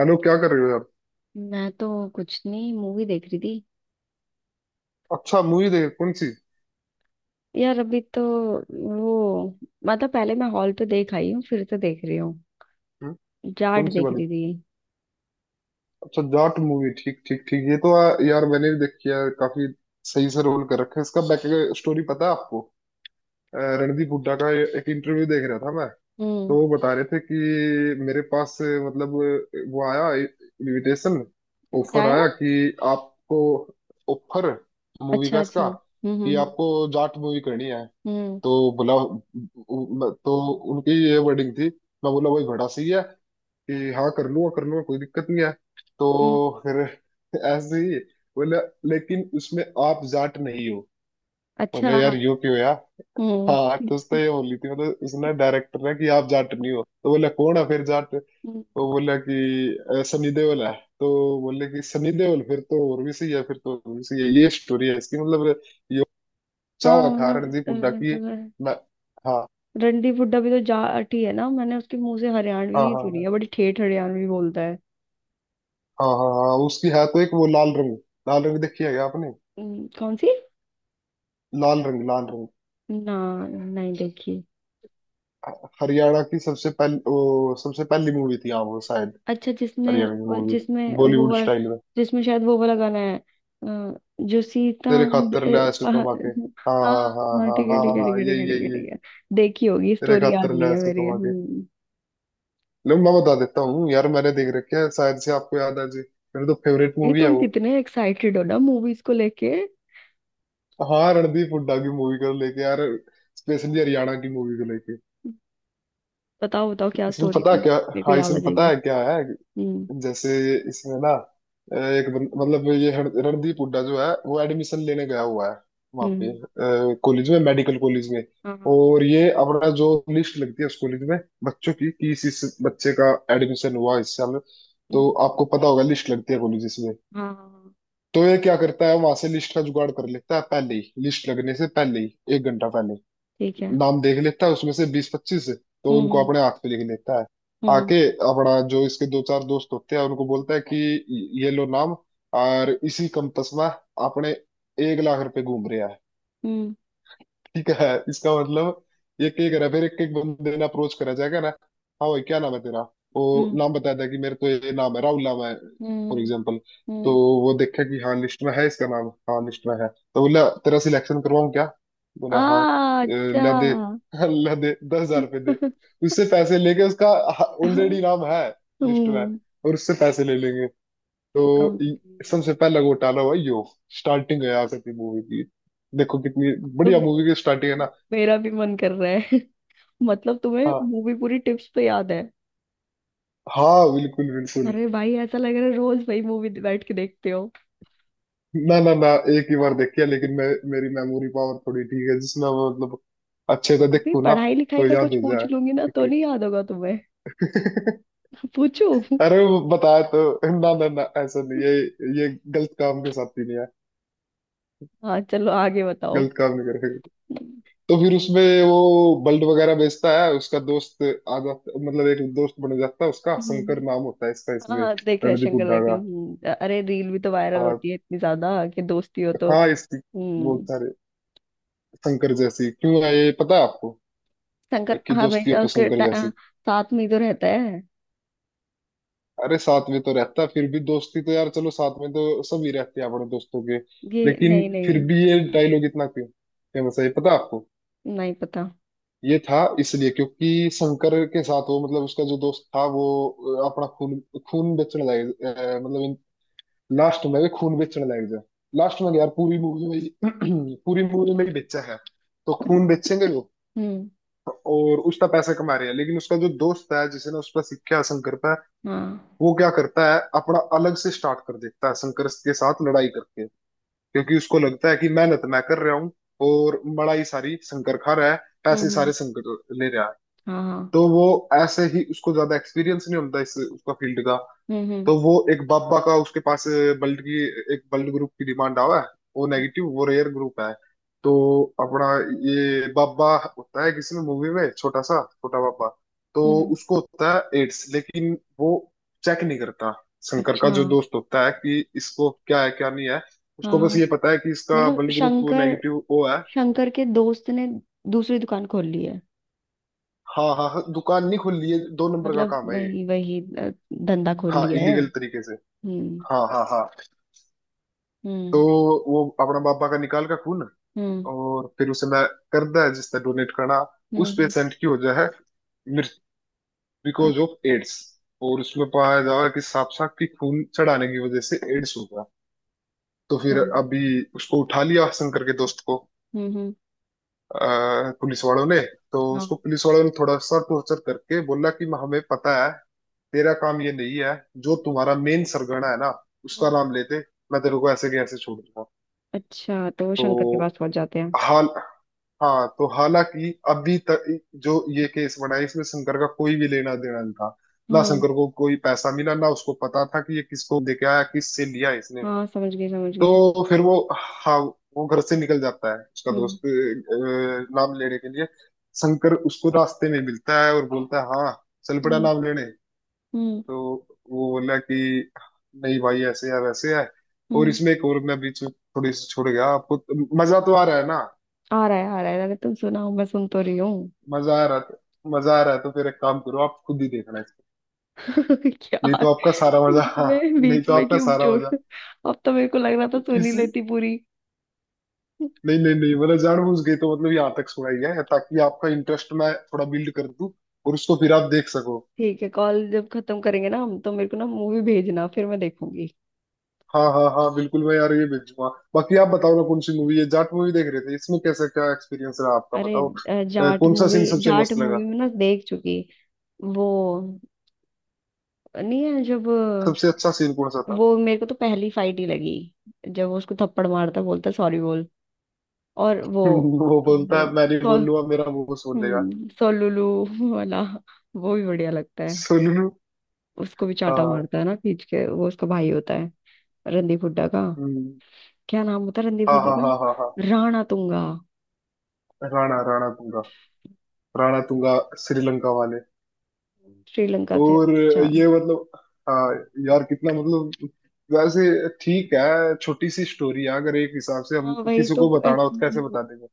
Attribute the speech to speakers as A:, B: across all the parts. A: Hello, क्या कर रहे हो यार।
B: मैं तो कुछ नहीं, मूवी देख रही थी।
A: अच्छा, मूवी देखे कौन सी?
B: यार, अभी तो वो, मतलब पहले मैं हॉल पे देख आई हूँ, फिर तो देख रही हूँ।
A: हम्म।
B: जाट
A: कौन सी
B: देख
A: वाली?
B: रही थी।
A: अच्छा, जाट मूवी। ठीक ठीक ठीक। यार मैंने भी देखी है काफी। सही से रोल कर रखा है इसका। बैक स्टोरी पता है आपको? रणदीप हुड्डा का एक इंटरव्यू देख रहा था मैं।
B: हम्म।
A: तो वो बता रहे थे कि मेरे पास मतलब वो आया इनविटेशन,
B: क्या
A: ऑफर
B: आया?
A: आया कि आपको ऑफर, मूवी
B: अच्छा
A: का
B: अच्छा।
A: इसका, कि
B: हम्म।
A: आपको जाट मूवी करनी है।
B: हम्म
A: तो उनकी ये वर्डिंग थी। मैं बोला वही घोड़ा सी है कि हाँ कर लूंगा कर लूंगा, कोई दिक्कत नहीं है।
B: हम्म,
A: तो फिर ऐसे ही बोला, लेकिन उसमें आप जाट नहीं हो।
B: अच्छा
A: बोले यार
B: हाँ।
A: यूं क्यों यार।
B: हम्म
A: हाँ, तो उसने ये बोली थी, मतलब उसने डायरेक्टर ने, कि आप जाट नहीं हो। तो बोला कौन है फिर जाट?
B: हम्म,
A: तो बोला कि सनी देओल है।" तो बोले कि सनी देओल फिर तो और भी सही है, फिर तो और भी सही है। ये स्टोरी है इसकी, मतलब ये
B: हाँ
A: चावा था
B: मतलब
A: रणदीप हुड्डा की।
B: अ,
A: मैं, हाँ
B: रणदीप हुड्डा भी तो जाट ही है ना। मैंने उसके मुंह से हरियाणवी
A: हाँ
B: ही
A: हाँ
B: सुनी
A: हाँ
B: है, बड़ी ठेठ हरियाणवी बोलता है।
A: हाँ हाँ हाँ, उसकी है तो एक वो लाल रंग। लाल रंग देखी है क्या आपने?
B: कौन सी?
A: लाल रंग, लाल रंग।
B: ना, नहीं देखी।
A: हरियाणा की सबसे पहली, वो सबसे पहली मूवी थी हाँ वो शायद।
B: अच्छा, जिसमें,
A: हरियाणा की मूवी
B: जिसमें वो
A: बॉलीवुड
B: वाला,
A: स्टाइल में।
B: जिसमें शायद वो वाला गाना है जो सीता
A: तेरे खातर ले
B: अ,
A: आया सू
B: पहा-
A: कमा के। हाँ
B: हाँ
A: हाँ हाँ
B: हाँ,
A: हाँ
B: ठीक है
A: हाँ
B: ठीक
A: हाँ
B: है ठीक
A: हाँ,
B: है ठीक है
A: यही
B: ठीक है
A: यही यही।
B: ठीक है। देखी होगी,
A: तेरे
B: स्टोरी याद
A: खातर ले
B: नहीं है
A: आया सू
B: मेरी।
A: कमा के।
B: हम्म।
A: लो मैं बता देता हूँ यार, मैंने देख रखी है, शायद से आपको याद आ जाए। मेरी तो फेवरेट
B: ये
A: मूवी है
B: तुम
A: वो।
B: कितने एक्साइटेड हो ना मूवीज को लेके।
A: हाँ, रणदीप हुड्डा की मूवी को लेके यार, स्पेशली हरियाणा की मूवी को लेके।
B: बताओ बताओ, क्या
A: इसमें
B: स्टोरी
A: पता
B: थी,
A: क्या।
B: मेरे को
A: हाँ,
B: याद आ
A: इसमें पता
B: जाएगी।
A: है क्या है।
B: हम्म
A: जैसे इसमें ना, मतलब ये रणदीप हुड्डा जो है वो एडमिशन लेने गया हुआ है वहाँ
B: हम्म।
A: पे कॉलेज में, मेडिकल कॉलेज में।
B: हाँ हाँ।
A: और ये अपना जो लिस्ट लगती है उस कॉलेज में बच्चों की कि इस बच्चे का एडमिशन हुआ इस साल। तो
B: हम्म,
A: आपको पता होगा, लिस्ट लगती है कॉलेज में।
B: हाँ हाँ, हाँ,
A: तो ये क्या करता है, वहां से लिस्ट का जुगाड़ कर लेता है पहले ही, लिस्ट लगने से पहले ही, एक घंटा पहले।
B: ठीक है।
A: नाम देख लेता है उसमें से बीस पच्चीस, तो उनको
B: हम्म
A: अपने हाथ पे लिख लेता है।
B: हम्म
A: आके अपना जो इसके दो चार दोस्त होते हैं उनको बोलता है कि ये लो नाम, और इसी कंपस में अपने एक लाख रुपए घूम रहे हैं।
B: हम्म
A: ठीक है, इसका मतलब एक एक ना, फिर एक एक बंदे ने अप्रोच करा जाएगा ना। हाँ भाई, क्या नाम है तेरा? वो
B: हम्म
A: नाम बताया था कि मेरे तो ये नाम है, राहुल नाम है, फॉर
B: हम्म हम्म
A: एग्जाम्पल। तो
B: हम्म।
A: वो देखा कि हाँ, लिस्ट में है इसका नाम, हाँ लिस्ट में है। तो बोला तेरा सिलेक्शन करवाऊं क्या?
B: आ,
A: बोला हाँ। ला दे
B: अच्छा।
A: ला दे, दस हजार रुपये दे।" तो उससे पैसे लेके, उसका ऑलरेडी नाम है लिस्ट में,
B: हम्म।
A: और उससे पैसे ले लेंगे। तो इ-
B: जी,
A: सबसे पहला घोटाला हुआ यो। स्टार्टिंग है यहाँ से अपनी मूवी की। देखो कितनी
B: तो
A: बढ़िया मूवी की स्टार्टिंग है ना।
B: मेरा भी मन कर रहा है। मतलब तुम्हें
A: हाँ
B: मूवी पूरी टिप्स पे याद है?
A: हाँ, बिल्कुल बिल्कुल।
B: अरे भाई, ऐसा लग रहा है रोज भाई मूवी बैठ के देखते हो।
A: ना ना ना, एक ही बार देखी है लेकिन मैं, मेरी मेमोरी पावर थोड़ी ठीक है, जिसमें मैं मतलब अच्छे से
B: अभी
A: देखूँ ना
B: पढ़ाई लिखाई
A: तो
B: का
A: याद
B: कुछ
A: हो
B: पूछ
A: जाए।
B: लूंगी ना तो
A: ठीक
B: नहीं याद होगा तुम्हें।
A: है।
B: पूछू?
A: अरे वो बताया तो, ना ना ना, ऐसा नहीं, ये ये गलत काम के साथ ही नहीं है,
B: हाँ चलो, आगे बताओ।
A: गलत काम नहीं। तो फिर उसमें वो बल्ब वगैरह बेचता है, उसका दोस्त आ जाता, मतलब एक दोस्त बन जाता है उसका,
B: हम्म।
A: शंकर नाम होता है इसका
B: हाँ
A: इसमें,
B: हाँ, देखा है,
A: रणदीप
B: शंकर
A: हुड्डा
B: देखा है।
A: का।
B: अरे रील भी तो वायरल
A: हाँ
B: होती है इतनी ज्यादा कि दोस्ती हो तो।
A: हाँ, इस बहुत
B: हम्म।
A: सारे। शंकर जैसी क्यों है ये पता है आपको?
B: शंकर
A: कि दोस्ती हो
B: हमेशा
A: तो
B: उसके
A: शंकर जैसी।
B: साथ में ही तो रहता है।
A: अरे साथ में तो रहता है, फिर भी दोस्ती तो यार, चलो साथ में तो सभी रहते हैं अपने दोस्तों के,
B: ये
A: लेकिन
B: नहीं।
A: फिर
B: नहीं,
A: भी ये डायलॉग इतना क्यों फेमस है ये पता है आपको?
B: नहीं पता।
A: ये था इसलिए क्योंकि शंकर के साथ वो, मतलब उसका जो दोस्त था वो, अपना खून, खून बेचने मतलब लास्ट में भी खून बेचने लग जाए। लास्ट में क्या यार, पूरी मूवी में ही- पूरी मूवी में ही बेचा है। तो खून बेचेंगे लोग
B: हम्म।
A: और उसका पैसा कमा रहे हैं, लेकिन उसका जो दोस्त है जिसने उस पर सीखा, शंकर पर,
B: हाँ।
A: वो क्या करता है अपना अलग से स्टार्ट कर देता है, शंकर के साथ लड़ाई करके। क्योंकि उसको लगता है कि मेहनत मैं कर रहा हूँ, और बड़ाई सारी शंकर खा रहा है,
B: हम्म
A: पैसे
B: हम्म,
A: सारे शंकर ले रहा है।
B: हाँ हाँ।
A: तो वो ऐसे ही, उसको ज्यादा एक्सपीरियंस नहीं होता इस उसका फील्ड का।
B: हम्म हम्म
A: तो वो एक बाबा का, उसके पास ब्लड की एक ब्लड ग्रुप की डिमांड आवा है, वो नेगेटिव, वो रेयर ग्रुप है। तो अपना, ये बाबा होता है किसी में मूवी में, छोटा सा छोटा बाबा। तो
B: हम्म,
A: उसको होता है एड्स, लेकिन वो चेक नहीं करता, शंकर का
B: अच्छा।
A: जो दोस्त होता है, कि इसको क्या है क्या नहीं है।
B: हाँ
A: उसको बस
B: हाँ,
A: ये पता है कि इसका
B: मतलब
A: blood group
B: Shankar,
A: negative O है।
B: शंकर के दोस्त ने दूसरी दुकान खोल ली है।
A: हाँ हाँ हाँ, दुकान नहीं खुल रही है, दो नंबर का
B: मतलब
A: काम है ये।
B: वही वही, धंधा खोल
A: हाँ,
B: लिया है।
A: इलीगल तरीके से।
B: हम्म।
A: हाँ हाँ हाँ। तो
B: हम्म।
A: वो अपना बाबा का निकाल का खून,
B: हम्म
A: और फिर उसे मैं कर दिया जिसने डोनेट करना।
B: हम्म
A: उस
B: हम्म,
A: पेशेंट की वजह है मृत्यु,
B: अच्छा।
A: Because of AIDS. और उसमें पाया जा रहा है कि सांप सांप की खून चढ़ाने की वजह से एड्स हो गया। तो फिर अभी उसको उठा लिया, शंकर के दोस्त को,
B: हम्म।
A: पुलिस वालों ने। तो
B: हाँ।
A: उसको पुलिस वालों ने थोड़ा सा टॉर्चर करके बोला कि हमें पता है तेरा काम ये नहीं है, जो तुम्हारा मेन सरगना है ना, उसका
B: हम्म,
A: नाम लेते मैं तेरे को ऐसे के ऐसे छोड़ दूंगा।
B: अच्छा तो वो
A: तो
B: शंकर के पास पहुंच जाते हैं।
A: हाल हाँ, तो हालांकि अभी तक जो ये केस बना है, इसमें शंकर का कोई भी लेना देना नहीं था। ना
B: हम्म।
A: शंकर को कोई पैसा मिला, ना उसको पता था कि ये किसको दे के आया, किससे लिया इसने।
B: हाँ, समझ गई समझ गई।
A: तो फिर वो, हाँ, वो घर से निकल जाता है उसका
B: हम्म
A: दोस्त, नाम लेने के लिए। शंकर उसको रास्ते में मिलता है और बोलता है, हाँ, चल पड़ा
B: हम्म।
A: नाम लेने।
B: हम्म
A: तो वो बोला कि नहीं भाई, ऐसे है वैसे है। और
B: हम्म,
A: इसमें एक और मैं बीच में थोड़ी सी छोड़ गया आपको। मजा तो आ रहा है ना?
B: आ रहा है आ रहा है। अरे तुम सुनाओ, मैं सुन तो रही हूँ।
A: मजा आ रहा था, मजा आ रहा है, तो फिर एक काम करो आप खुद ही देखना इसको, नहीं
B: यार,
A: तो आपका सारा मजा। हाँ, नहीं
B: बीच
A: तो
B: में
A: आपका
B: क्यों
A: सारा
B: छोड़।
A: मजा।
B: अब तो मेरे को लग रहा था सुन ही
A: इसी
B: लेती पूरी।
A: नहीं नहीं नहीं, मतलब जानबूझ गई तो, मतलब यहाँ तक सुनाई है ताकि आपका इंटरेस्ट मैं थोड़ा बिल्ड कर दूं और उसको फिर आप देख सको।
B: ठीक है, कॉल जब खत्म करेंगे ना हम, तो मेरे को ना मूवी भेजना, फिर मैं देखूंगी।
A: हाँ हाँ हाँ, बिल्कुल मैं यार ये भेजूंगा। बाकी आप बताओ ना, कौन सी मूवी है, जाट मूवी देख रहे थे इसमें कैसा क्या एक्सपीरियंस रहा आपका,
B: अरे,
A: बताओ
B: जाट
A: कौन सा
B: मूवी,
A: सीन सबसे
B: जाट
A: मस्त
B: मूवी
A: लगा,
B: में ना, देख चुकी। वो नहीं है, जब
A: सबसे अच्छा सीन कौन सा था?
B: वो। मेरे को तो पहली फाइट ही लगी, जब वो उसको थप्पड़ मारता, बोलता सॉरी बोल। और वो
A: वो बोलता
B: वो
A: है मैं नहीं
B: सो,
A: बोलूंगा मेरा मुंह को सोल देगा।
B: सोलुलु वाला वो भी बढ़िया लगता है।
A: सुन लू।
B: उसको भी चांटा
A: हाँ।
B: मारता है ना खींच के, वो उसका भाई होता है, रणदीप हुड्डा का।
A: हम्म,
B: क्या नाम होता है रणदीप
A: हाँ
B: हुड्डा
A: हाँ हाँ हाँ हाँ।
B: का? राणा तुंगा।
A: राणा, राणा तुंगा, राणा तुंगा। श्रीलंका वाले।
B: श्रीलंका से,
A: और
B: अच्छा।
A: ये मतलब, हाँ यार, कितना मतलब, वैसे ठीक है, छोटी सी स्टोरी है, अगर एक हिसाब से
B: हाँ
A: हम
B: वही
A: किसी
B: तो
A: को बताना हो तो कैसे बता देंगे।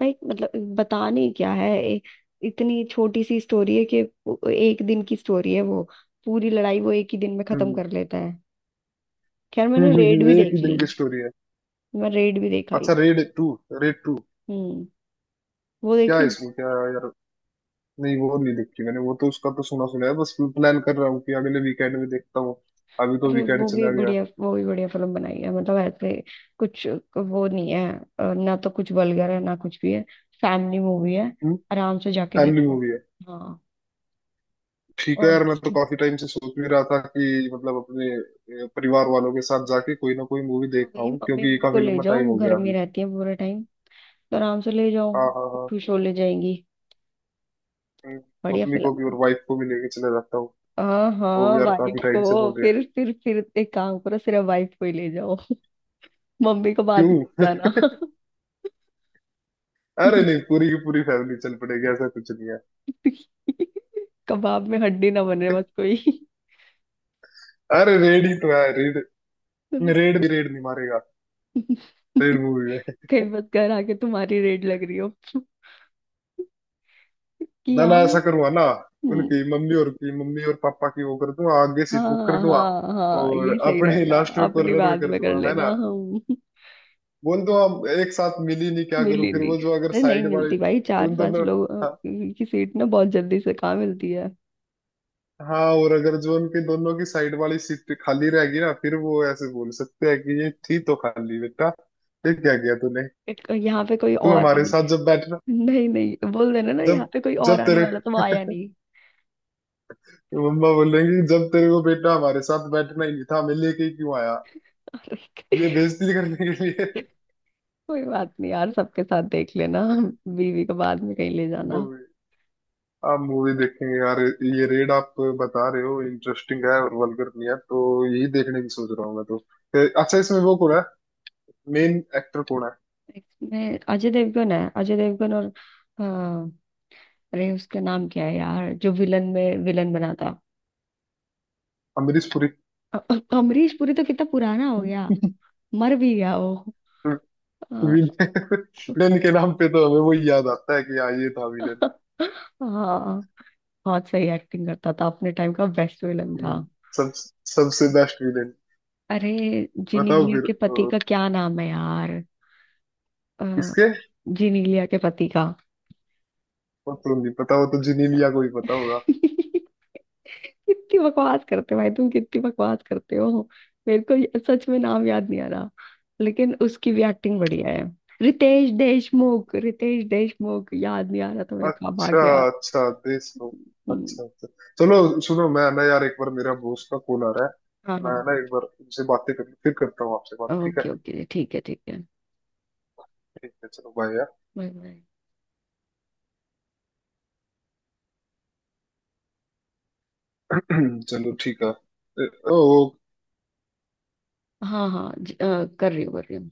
B: भाई, मतलब बताने क्या है, इतनी छोटी सी स्टोरी है कि एक दिन की स्टोरी है वो। पूरी लड़ाई वो एक ही दिन में खत्म
A: हम्म
B: कर लेता है। खैर, मैंने
A: हम्म।
B: रेड भी
A: एक ही
B: देख ली।
A: दिन की स्टोरी है।
B: मैं रेड भी देखा
A: अच्छा,
B: ही।
A: रेड टू, रेड टू,
B: हम्म, वो
A: क्या
B: देख
A: है
B: ली।
A: इसमें क्या है यार? नहीं वो नहीं देखी मैंने, वो तो उसका तो सुना सुना है बस, प्लान कर रहा हूँ कि अगले वीकेंड में देखता हूँ। अभी तो
B: अरे
A: वीकेंड
B: वो भी
A: चला गया।
B: बढ़िया, वो भी बढ़िया फिल्म बनाई है। मतलब ऐसे कुछ वो नहीं है, ना तो कुछ वल्गर है ना कुछ भी है। फैमिली मूवी है,
A: हम्म।
B: आराम से जाके
A: फैमिली
B: देखो।
A: मूवी है।
B: हाँ।
A: ठीक है
B: और
A: यार, मैं तो
B: उसकी।
A: काफी टाइम से सोच भी रहा था कि मतलब अपने परिवार वालों के साथ जाके कोई ना कोई मूवी
B: हाँ,
A: देख
B: वही
A: पाऊँ,
B: मम्मी,
A: क्योंकि
B: मम्मी को
A: काफी
B: ले
A: लंबा
B: जाओ,
A: टाइम
B: वो
A: हो
B: घर
A: गया
B: में
A: अभी।
B: रहती है पूरे टाइम, तो आराम से ले जाओ,
A: हाँ हाँ हाँ।
B: खुश हो ले जाएंगी।
A: हम्म,
B: बढ़िया
A: मम्मी को
B: फिल्म
A: भी और
B: है।
A: वाइफ को भी लेके चले जाता हूँ।
B: हाँ
A: वो
B: हाँ,
A: भी यार काफी
B: वाइफ
A: टाइम
B: को
A: से बोल रहे हैं।
B: फिर एक काम करो, सिर्फ वाइफ को ही ले जाओ, मम्मी को बाद में
A: क्यों?
B: ले जाना।
A: अरे नहीं, पूरी की पूरी फैमिली चल पड़ेगी, ऐसा कुछ नहीं है।
B: कबाब में हड्डी ना बने बस कोई।
A: अरे रेड ही तो है, रेड। रेड भी रेड नहीं मारेगा, रेड मूवी में।
B: कहीं मत कर आके तुम्हारी रेड लग रही हो कि
A: ना ना,
B: हम।
A: ऐसा करूंगा ना,
B: हम्म,
A: उनकी मम्मी और की मम्मी और पापा की वो कर दूंगा, आगे सीट बुक कर
B: हाँ
A: दूंगा।
B: हाँ हाँ,
A: और
B: ये सही
A: अपने
B: रहेगा।
A: लास्ट में
B: अपनी
A: कॉर्नर में
B: बाद
A: कर
B: में कर
A: दूंगा, है
B: लेना
A: ना?
B: हम।
A: बोल दो हम एक साथ मिल ही नहीं, क्या करूं,
B: मिली
A: फिर
B: नहीं।
A: वो जो अगर
B: अरे नहीं
A: साइड वाली,
B: मिलती भाई, चार
A: उन
B: पांच
A: दोनों।
B: लोग
A: हाँ
B: की सीट ना बहुत जल्दी से कहाँ मिलती है।
A: हाँ, और अगर जो उनके दोनों की साइड वाली सीट खाली रहेगी ना, फिर वो ऐसे बोल सकते हैं कि ये थी तो खाली, बेटा ये क्या किया तूने,
B: एक, यहाँ पे कोई
A: तू
B: और
A: हमारे
B: आने।
A: साथ जब बैठना
B: नहीं नहीं, बोल देना ना, यहाँ
A: जब
B: पे कोई और
A: जब
B: आने
A: तेरे
B: वाला तो वो आया नहीं।
A: मम्मा बोलेंगी, जब तेरे को बेटा हमारे साथ बैठना ही नहीं था, हमें लेके ही क्यों आया,
B: अरे,
A: ये बेइज्जती करने के लिए।
B: कोई बात नहीं यार, सबके साथ देख लेना, बीवी को बाद में कहीं ले जाना।
A: मूवी, आप मूवी देखेंगे यार, ये रेड आप बता रहे हो इंटरेस्टिंग है और वल्गर नहीं है तो यही देखने की सोच रहा हूँ मैं तो। अच्छा, इसमें वो कौन है, मेन एक्टर कौन है?
B: इसमें अजय देवगन है, अजय देवगन और, हाँ, अरे उसका नाम क्या है यार जो विलन में विलन बना था।
A: अमरीश पुरी।
B: अमरीश पुरी तो कितना पुराना हो गया, मर भी गया वो। अ,
A: विलेन के नाम पे तो हमें वो याद आता है कि हाँ, ये था विलेन।
B: हाँ, बहुत सही एक्टिंग करता था, अपने टाइम का बेस्ट विलन था।
A: सब सबसे बेस्ट विलेन।
B: अरे,
A: बताओ
B: जिनीलिया
A: फिर।
B: के पति
A: और
B: का क्या नाम है यार? अ,
A: किसके
B: जिनीलिया के पति का।
A: और तो नहीं पता, वो तो जिनीलिया को ही पता होगा।
B: कितनी बकवास करते हो भाई, तुम कितनी बकवास करते हो। मेरे को ये, सच में नाम याद नहीं आ रहा, लेकिन उसकी भी एक्टिंग बढ़िया है। रितेश देशमुख, रितेश देशमुख, याद नहीं आ रहा था मेरे को, अब आ
A: अच्छा
B: गया।
A: अच्छा, देश को।
B: हम्म,
A: अच्छा अच्छा। चलो सुनो, मैं ना यार एक बार मेरा बॉस का कॉल आ रहा है,
B: हाँ
A: मैं
B: हाँ।
A: ना एक बार उनसे बातें कर फिर करता हूँ आपसे बात, ठीक है?
B: ओके ओके, ठीक है ठीक है।
A: ठीक है, चलो बाय यार।
B: Bye bye.
A: चलो ठीक है। ओ।
B: हाँ हाँ, कर रही हूँ कर रही हूँ।